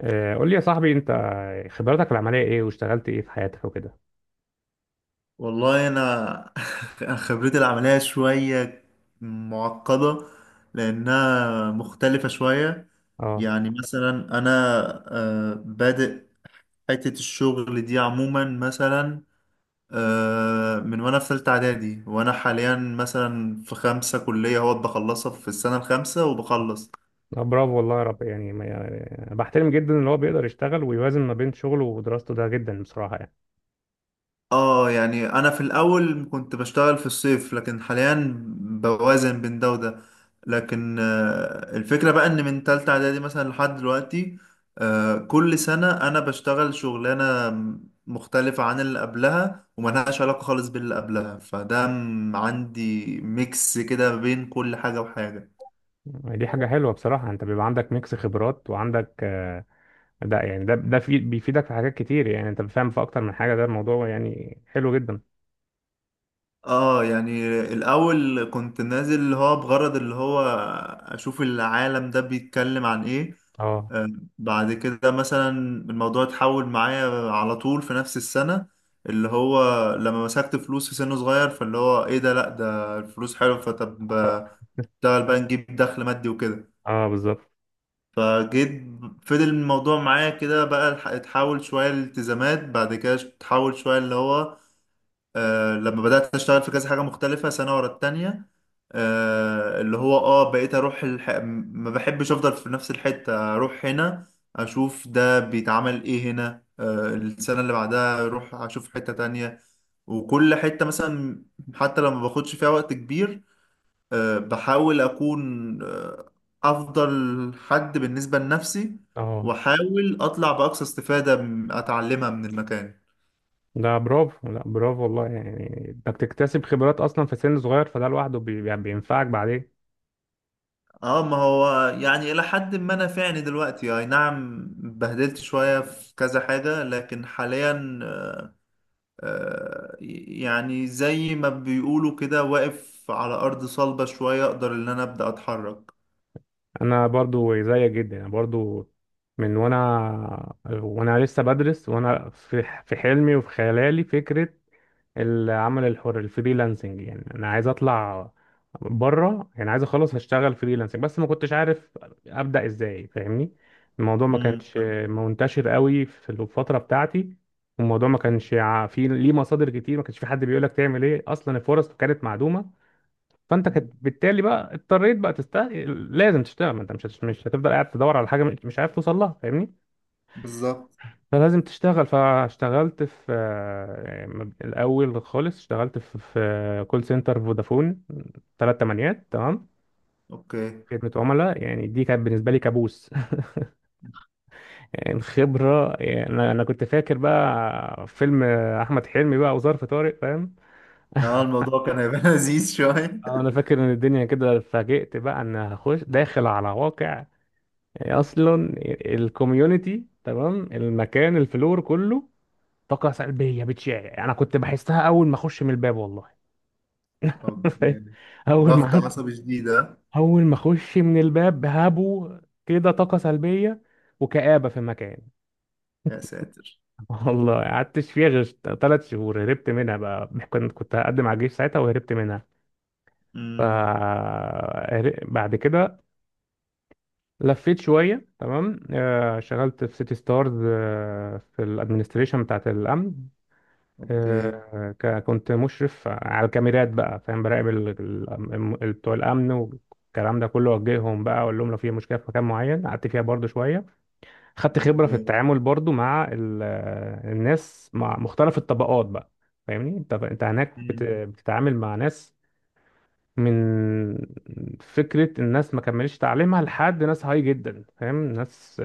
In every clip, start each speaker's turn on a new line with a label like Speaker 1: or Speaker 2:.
Speaker 1: قول لي يا صاحبي، انت خبراتك العمليه ايه، واشتغلت ايه في حياتك وكده.
Speaker 2: والله انا خبرتي العمليه شويه معقده، لانها مختلفه شويه.
Speaker 1: اه،
Speaker 2: يعني مثلا انا بادئ حته الشغل دي عموما، مثلا من وانا في ثالثه اعدادي، وانا حاليا مثلا في خمسه كليه اهوت، بخلصها في السنه الخامسه وبخلص.
Speaker 1: لا، برافو والله يا رب، يعني ما يعني بحترم جدا ان هو بيقدر يشتغل ويوازن ما بين شغله ودراسته، ده جدا بصراحه يعني.
Speaker 2: اه يعني انا في الاول كنت بشتغل في الصيف، لكن حاليا بوازن بين ده وده. لكن الفكرة بقى ان من تالتة اعدادي مثلا لحد دلوقتي، كل سنة انا بشتغل شغلانة مختلفة عن اللي قبلها، وملهاش علاقة خالص باللي قبلها. فده عندي ميكس كده بين كل حاجة وحاجة.
Speaker 1: يعني دي حاجه حلوه بصراحه، انت بيبقى عندك ميكس خبرات وعندك، ده يعني ده في، بيفيدك في حاجات كتير، يعني انت بتفهم في اكتر من حاجه، ده الموضوع يعني حلو جدا.
Speaker 2: اه يعني الاول كنت نازل اللي هو بغرض اللي هو اشوف العالم ده بيتكلم عن ايه.
Speaker 1: اه،
Speaker 2: آه، بعد كده مثلا الموضوع اتحول معايا على طول في نفس السنة، اللي هو لما مسكت فلوس في سن صغير، فاللي هو ايه ده؟ لا ده الفلوس حلوة، فطب اشتغل بقى نجيب دخل مادي وكده.
Speaker 1: اه بالظبط،
Speaker 2: فجيت، فضل الموضوع معايا كده بقى، اتحول شوية لالتزامات. بعد كده اتحول شوية اللي هو لما بدأت أشتغل في كذا حاجة مختلفة سنة ورا التانية، اللي هو اه بقيت أروح ما بحبش أفضل في نفس الحتة، أروح هنا أشوف ده بيتعمل إيه هنا، السنة اللي بعدها أروح أشوف حتة تانية. وكل حتة مثلا حتى لما باخدش فيها وقت كبير، بحاول أكون أفضل حد بالنسبة لنفسي،
Speaker 1: اه،
Speaker 2: وأحاول أطلع بأقصى استفادة أتعلمها من المكان.
Speaker 1: ده برافو، لا برافو والله، يعني انك تكتسب خبرات اصلا في سن صغير، فده لوحده بينفعك بعدين.
Speaker 2: اه ما هو يعني الى حد ما نافعني دلوقتي، اي نعم بهدلت شوية في كذا حاجة، لكن حاليا آه، يعني زي ما بيقولوا كده واقف على ارض صلبة شوية، اقدر ان انا ابدأ اتحرك.
Speaker 1: انا برضو زيك جدا، انا برضو من وانا لسه بدرس، وانا في حلمي وفي خيالي فكره العمل الحر الفريلانسنج، يعني انا عايز اطلع بره، يعني عايز اخلص هشتغل فريلانسنج، بس ما كنتش عارف ابدا ازاي، فاهمني؟ الموضوع ما كانش
Speaker 2: امم
Speaker 1: منتشر قوي في الفتره بتاعتي، والموضوع ما كانش فيه ليه مصادر كتير، ما كانش في حد بيقولك تعمل ايه، اصلا الفرص كانت معدومه، فانت
Speaker 2: أمم،
Speaker 1: بالتالي بقى اضطريت بقى تستاهل، لازم تشتغل، ما انت مش هتفضل قاعد تدور على حاجه مش عارف توصل لها، فاهمني؟
Speaker 2: بالظبط.
Speaker 1: فلازم تشتغل، فاشتغلت في الاول خالص اشتغلت في كول سنتر فودافون، 888، تمام.
Speaker 2: اوكي.
Speaker 1: خدمه عملاء، يعني دي كانت بالنسبه لي كابوس. يعني خبره، يعني انا كنت فاكر بقى فيلم احمد حلمي، بقى وظرف طارق، فاهم؟
Speaker 2: اه الموضوع كان هيبقى لذيذ شوية.
Speaker 1: انا فاكر ان الدنيا كده اتفاجئت، بقى ان هخش داخل على واقع، هي اصلا الكوميونتي، تمام، المكان الفلور كله طاقه سلبيه بتشع، انا كنت بحسها اول ما اخش من الباب، والله. فاهم؟
Speaker 2: اوكي.
Speaker 1: اول ما
Speaker 2: ضغط
Speaker 1: عد-
Speaker 2: عصبي شديد آه؟
Speaker 1: اول ما اخش من الباب هابوا كده طاقه سلبيه وكآبه في المكان.
Speaker 2: يا ساتر.
Speaker 1: والله قعدتش فيها غير 3 شهور، هربت منها، بقى كنت هقدم على الجيش ساعتها، وهربت منها. ف
Speaker 2: امم.
Speaker 1: بعد كده لفيت شويه، تمام. شغلت في سيتي ستارز، في الادمنستريشن بتاعت الامن.
Speaker 2: اوكي.
Speaker 1: كنت مشرف على الكاميرات، بقى فاهم، براقب بتوع الامن والكلام ده كله، اوجههم بقى، اقول لهم لو في مشكله في مكان معين. قعدت فيها برضو شويه، خدت خبره في
Speaker 2: اوكي.
Speaker 1: التعامل برضو مع الناس، مع مختلف الطبقات بقى، فاهمني؟ انت هناك
Speaker 2: امم.
Speaker 1: بتتعامل مع ناس من فكره الناس ما كملش تعليمها لحد ناس هاي جدا، فاهم؟ ناس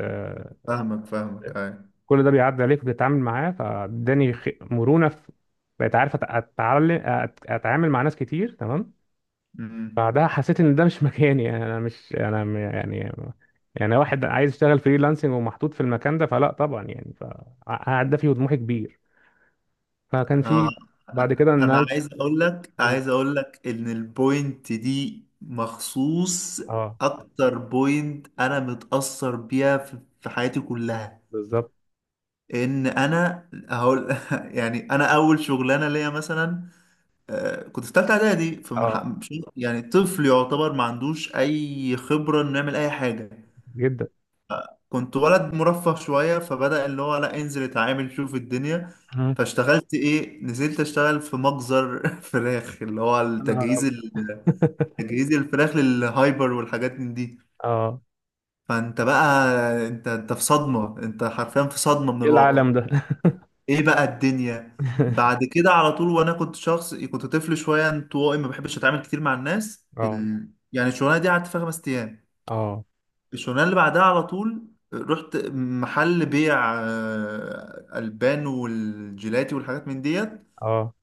Speaker 2: فاهمك فاهمك اي.
Speaker 1: كل ده بيعدي عليك وبتتعامل معاه، فاداني مرونه في، بقيت عارف اتعلم اتعامل مع ناس كتير، تمام.
Speaker 2: امم.
Speaker 1: بعدها حسيت ان ده مش مكاني، يعني انا مش يعني واحد عايز يشتغل فريلانسنج ومحطوط في المكان ده، فلا طبعا، يعني فهدفي وطموحي كبير، فكان
Speaker 2: آه.
Speaker 1: في بعد كده
Speaker 2: انا
Speaker 1: نقلت
Speaker 2: عايز اقول لك،
Speaker 1: قلت-
Speaker 2: عايز اقول لك ان البوينت دي مخصوص
Speaker 1: اه
Speaker 2: اكتر بوينت انا متأثر بيها في في حياتي كلها،
Speaker 1: بالظبط.
Speaker 2: ان انا هقول يعني انا اول شغلانه ليا مثلا كنت في ثالثه اعدادي، في مح...
Speaker 1: اه
Speaker 2: مش- يعني طفل يعتبر ما عندوش اي خبره انه يعمل اي حاجه.
Speaker 1: جدا.
Speaker 2: كنت ولد مرفه شوية، فبدأ اللي هو لا انزل اتعامل شوف الدنيا.
Speaker 1: مم.
Speaker 2: فاشتغلت ايه؟ نزلت اشتغل في مجزر فراخ، اللي هو
Speaker 1: يا نهار أبيض.
Speaker 2: تجهيز الفراخ للهايبر والحاجات من دي.
Speaker 1: اه،
Speaker 2: فانت بقى انت انت في صدمة، انت حرفيا في صدمة من
Speaker 1: ايه
Speaker 2: الواقع.
Speaker 1: العالم ده؟
Speaker 2: ايه بقى الدنيا؟ بعد كده على طول، وانا كنت شخص كنت طفل شوية انطوائي، ما بحبش اتعامل كتير مع الناس
Speaker 1: اه،
Speaker 2: يعني الشغلانة دي قعدت فيها خمس ايام.
Speaker 1: اه،
Speaker 2: الشغلانه اللي بعدها على طول رحت محل بيع البان والجيلاتي والحاجات من ديت.
Speaker 1: اه،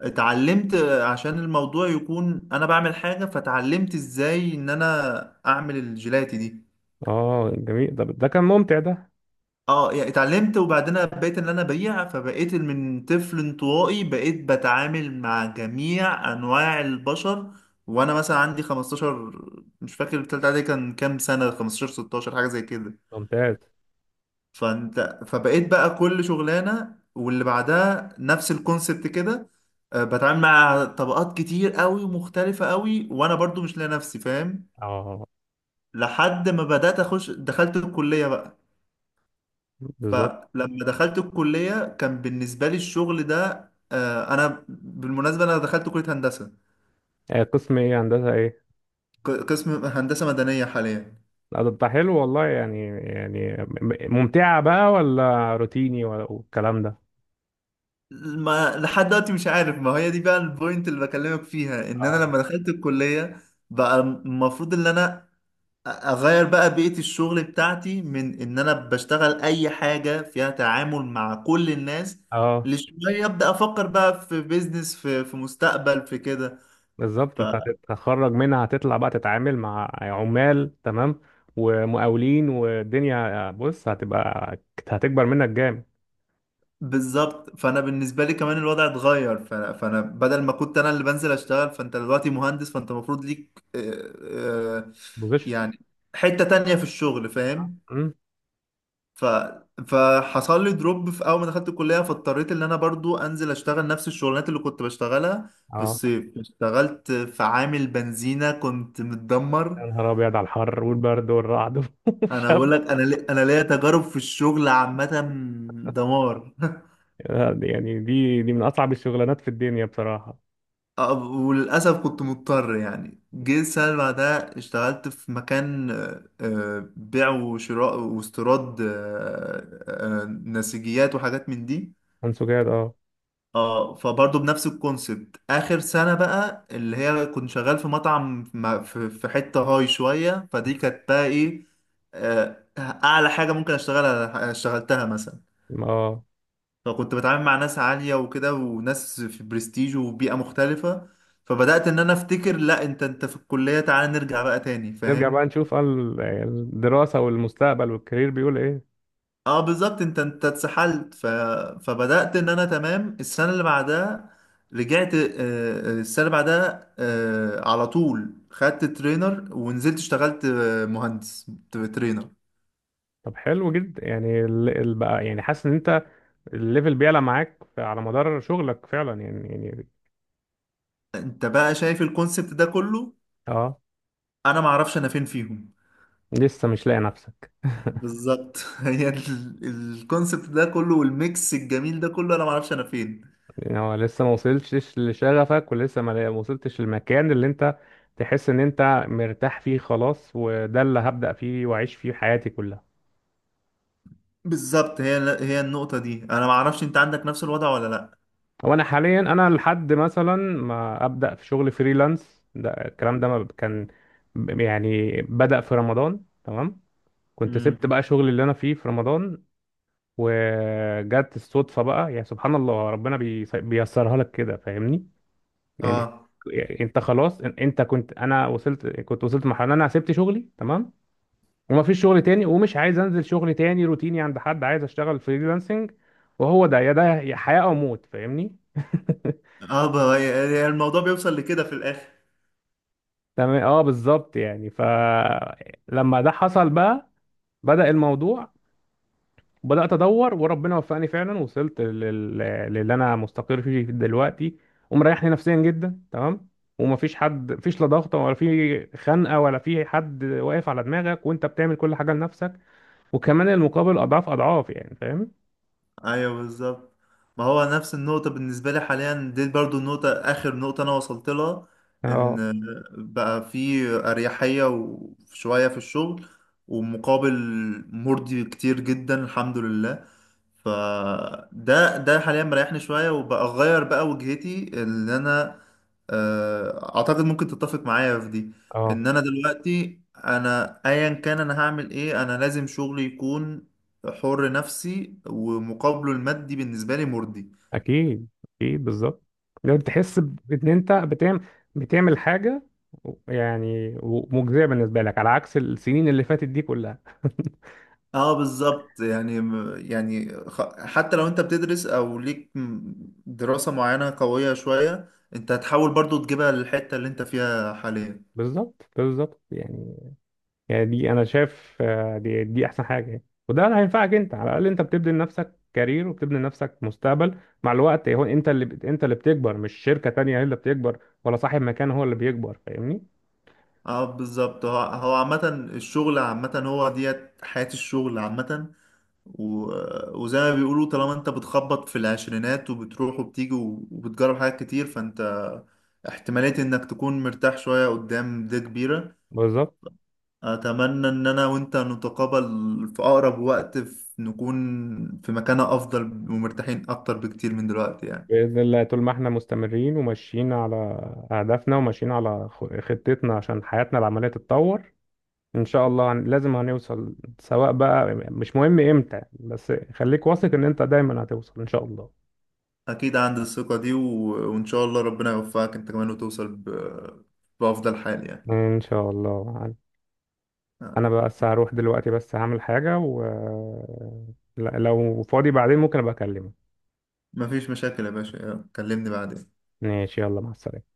Speaker 2: اتعلمت عشان الموضوع يكون انا بعمل حاجه، فتعلمت ازاي ان انا اعمل الجيلاتي دي.
Speaker 1: اه، جميل، ده كان ممتع ده.
Speaker 2: اه يعني اتعلمت وبعدين بقيت ان انا ابيع، فبقيت من طفل انطوائي بقيت بتعامل مع جميع انواع البشر، وانا مثلا عندي 15، مش فاكر التالتة دي كان كام سنه، 15 16 حاجه زي كده.
Speaker 1: ممتاز.
Speaker 2: فانت فبقيت بقى كل شغلانه واللي بعدها نفس الكونسبت كده، بتعامل مع طبقات كتير قوي ومختلفه قوي، وانا برضو مش لاقي نفسي فاهم،
Speaker 1: اه
Speaker 2: لحد ما بدات اخش دخلت الكليه بقى.
Speaker 1: بالظبط.
Speaker 2: فلما دخلت الكليه كان بالنسبه لي الشغل ده انا بالمناسبه انا دخلت كليه هندسه،
Speaker 1: قسم ايه، هندسة ايه؟
Speaker 2: قسم هندسه مدنيه حاليا.
Speaker 1: لا، ده حلو والله، يعني ممتعة بقى، ولا روتيني والكلام ده؟
Speaker 2: ما لحد دلوقتي مش عارف، ما هي دي بقى البوينت اللي بكلمك فيها، ان انا
Speaker 1: اه،
Speaker 2: لما دخلت الكليه بقى المفروض ان انا اغير بقى بيئة الشغل بتاعتي، من ان انا بشتغل اي حاجة فيها تعامل مع كل الناس،
Speaker 1: اه
Speaker 2: لشوية ابدا افكر بقى في بيزنس، في في مستقبل، في كده.
Speaker 1: بالظبط، انت هتتخرج منها، هتطلع بقى تتعامل مع عمال، تمام، ومقاولين، والدنيا بص هتبقى هتكبر منك جامد.
Speaker 2: فبالظبط، فانا بالنسبة لي كمان الوضع اتغير. فانا بدل ما كنت انا اللي بنزل اشتغل، فانت دلوقتي مهندس، فانت المفروض ليك آه،
Speaker 1: بوزيشن.
Speaker 2: يعني حتة تانية في الشغل فاهم.
Speaker 1: أمم،
Speaker 2: ف... فحصل لي دروب في اول ما دخلت الكليه، فاضطريت ان انا برضو انزل اشتغل نفس الشغلانات اللي كنت بشتغلها في
Speaker 1: اه،
Speaker 2: الصيف. اشتغلت في عامل بنزينه، كنت متدمر.
Speaker 1: يا نهار ابيض على الحر والبرد والرعد
Speaker 2: انا
Speaker 1: والشب.
Speaker 2: بقول لك، انا ليا تجارب في الشغل عامه، دمار.
Speaker 1: يعني دي من اصعب الشغلانات في الدنيا بصراحة.
Speaker 2: أه، وللاسف كنت مضطر. يعني جه السنه اللي بعدها اشتغلت في مكان بيع وشراء واستيراد نسيجيات وحاجات من دي.
Speaker 1: انسجاد، اه.
Speaker 2: اه فبرضه بنفس الكونسبت، اخر سنه بقى اللي هي كنت شغال في مطعم، في في حته هاي شويه، فدي كانت بقى ايه اعلى حاجه ممكن اشتغلها، اشتغلتها مثلا.
Speaker 1: اه،
Speaker 2: فكنت بتعامل مع ناس عاليه وكده، وناس في برستيج وبيئه مختلفه. فبدات ان انا افتكر لا انت انت في الكليه، تعالى نرجع بقى تاني
Speaker 1: نرجع
Speaker 2: فاهم.
Speaker 1: بقى نشوف، الدراسة والمستقبل والكارير بيقول ايه؟
Speaker 2: اه بالظبط، انت انت اتسحلت. فبدأت ان انا، تمام، السنة اللي بعدها رجعت السنة اللي بعدها على طول خدت ترينر، ونزلت اشتغلت مهندس ترينر.
Speaker 1: طب حلو جدا، يعني بقى، يعني حاسس ان انت الليفل بيعلى معاك، على مدار شغلك فعلا يعني يعني.
Speaker 2: انت بقى شايف الكونسبت ده كله،
Speaker 1: اه،
Speaker 2: انا معرفش انا فين فيهم.
Speaker 1: لسه مش لاقي نفسك؟
Speaker 2: بالظبط الكونسبت ده كله والميكس الجميل ده كله، انا معرفش انا فين.
Speaker 1: يعني هو لسه ما وصلتش لشغفك، ولسه ما وصلتش للمكان اللي انت تحس ان انت مرتاح فيه خلاص، وده اللي هبدأ فيه واعيش فيه حياتي كلها.
Speaker 2: بالظبط، هي النقطة دي، انا معرفش انت عندك نفس الوضع ولا لا.
Speaker 1: هو انا حاليا، انا لحد مثلا ما ابدا في شغل فريلانس، ده الكلام ده ما كان يعني بدا في رمضان، تمام. كنت
Speaker 2: امم.
Speaker 1: سبت بقى شغل اللي انا فيه في رمضان، وجت الصدفه بقى، يعني سبحان الله، ربنا بيسرها لك كده، فاهمني؟ يعني
Speaker 2: اه.
Speaker 1: يعني انت خلاص، انت كنت انا وصلت كنت وصلت لمرحله ان انا سبت شغلي، تمام. وما فيش شغل تاني، ومش عايز انزل شغل تاني روتيني عند حد، عايز اشتغل فريلانسنج، وهو ده يا ده يا حياه او موت، فاهمني؟
Speaker 2: يعني الموضوع بيوصل لكده في الاخر.
Speaker 1: تمام، اه بالظبط، يعني فلما ده حصل بقى، بدأ الموضوع، بدأت ادور، وربنا وفقني فعلا، وصلت للي انا مستقر فيه دلوقتي، ومريحني نفسيا جدا، تمام. ومفيش حد، مفيش لا ضغط ولا في خنقه ولا في حد واقف على دماغك، وانت بتعمل كل حاجه لنفسك، وكمان المقابل اضعاف اضعاف، يعني فاهم؟
Speaker 2: ايوه بالظبط، ما هو نفس النقطة بالنسبة لي حاليا، دي برضو النقطة آخر نقطة أنا وصلت لها،
Speaker 1: اه،
Speaker 2: إن بقى في أريحية وشوية في الشغل، ومقابل مرضي كتير جدا الحمد لله. فده ده حاليا مريحني شوية، وبقى أغير بقى وجهتي اللي أنا أعتقد ممكن تتفق معايا في دي،
Speaker 1: اه
Speaker 2: إن أنا دلوقتي أنا أيا كان أنا هعمل إيه، أنا لازم شغلي يكون حر نفسي، ومقابله المادي بالنسبة لي مرضي.
Speaker 1: اكيد، اكيد بالظبط، لو تحس ان انت بتعمل حاجه يعني مجزيه بالنسبه لك، على عكس السنين اللي فاتت دي كلها.
Speaker 2: اه بالظبط يعني حتى لو انت بتدرس او ليك دراسة معينة قوية شوية، انت هتحاول برضو تجيبها للحتة اللي انت فيها حاليا.
Speaker 1: بالظبط، بالظبط، يعني دي انا شايف، دي احسن حاجه يعني. وده هينفعك انت، على الاقل انت بتبني لنفسك كارير وبتبني لنفسك مستقبل مع الوقت، هو انت اللي بتكبر، مش شركه تانية هي اللي بتكبر، ولا صاحب مكان هو اللي بيكبر، فاهمني؟
Speaker 2: اه بالظبط، هو هو عامة الشغل عامة، هو ديت حياة الشغل عامة و... وزي ما بيقولوا طالما انت بتخبط في العشرينات وبتروح وبتيجي وبتجرب حاجات كتير، فانت احتمالية انك تكون مرتاح شوية قدام دي كبيرة.
Speaker 1: بالظبط.
Speaker 2: أتمنى إن أنا وأنت نتقابل في أقرب وقت، في نكون في مكانة أفضل، ومرتاحين أكتر بكتير من دلوقتي يعني.
Speaker 1: بإذن الله، طول ما احنا مستمرين وماشيين على أهدافنا، وماشيين على خطتنا عشان حياتنا العملية تتطور، إن شاء الله لازم هنوصل، سواء بقى مش مهم إمتى، بس خليك واثق إن أنت دايما هتوصل إن شاء الله.
Speaker 2: أكيد عندي الثقة دي وإن شاء الله ربنا يوفقك أنت كمان، وتوصل بأفضل حال يعني.
Speaker 1: إن شاء الله.
Speaker 2: آه،
Speaker 1: أنا بقى بس هروح دلوقتي، بس هعمل حاجة، و لا- لو فاضي بعدين ممكن أبقى أكلمك.
Speaker 2: مفيش مشاكل يا باشا، آه، كلمني بعدين.
Speaker 1: ماشي، يلا مع السلامة.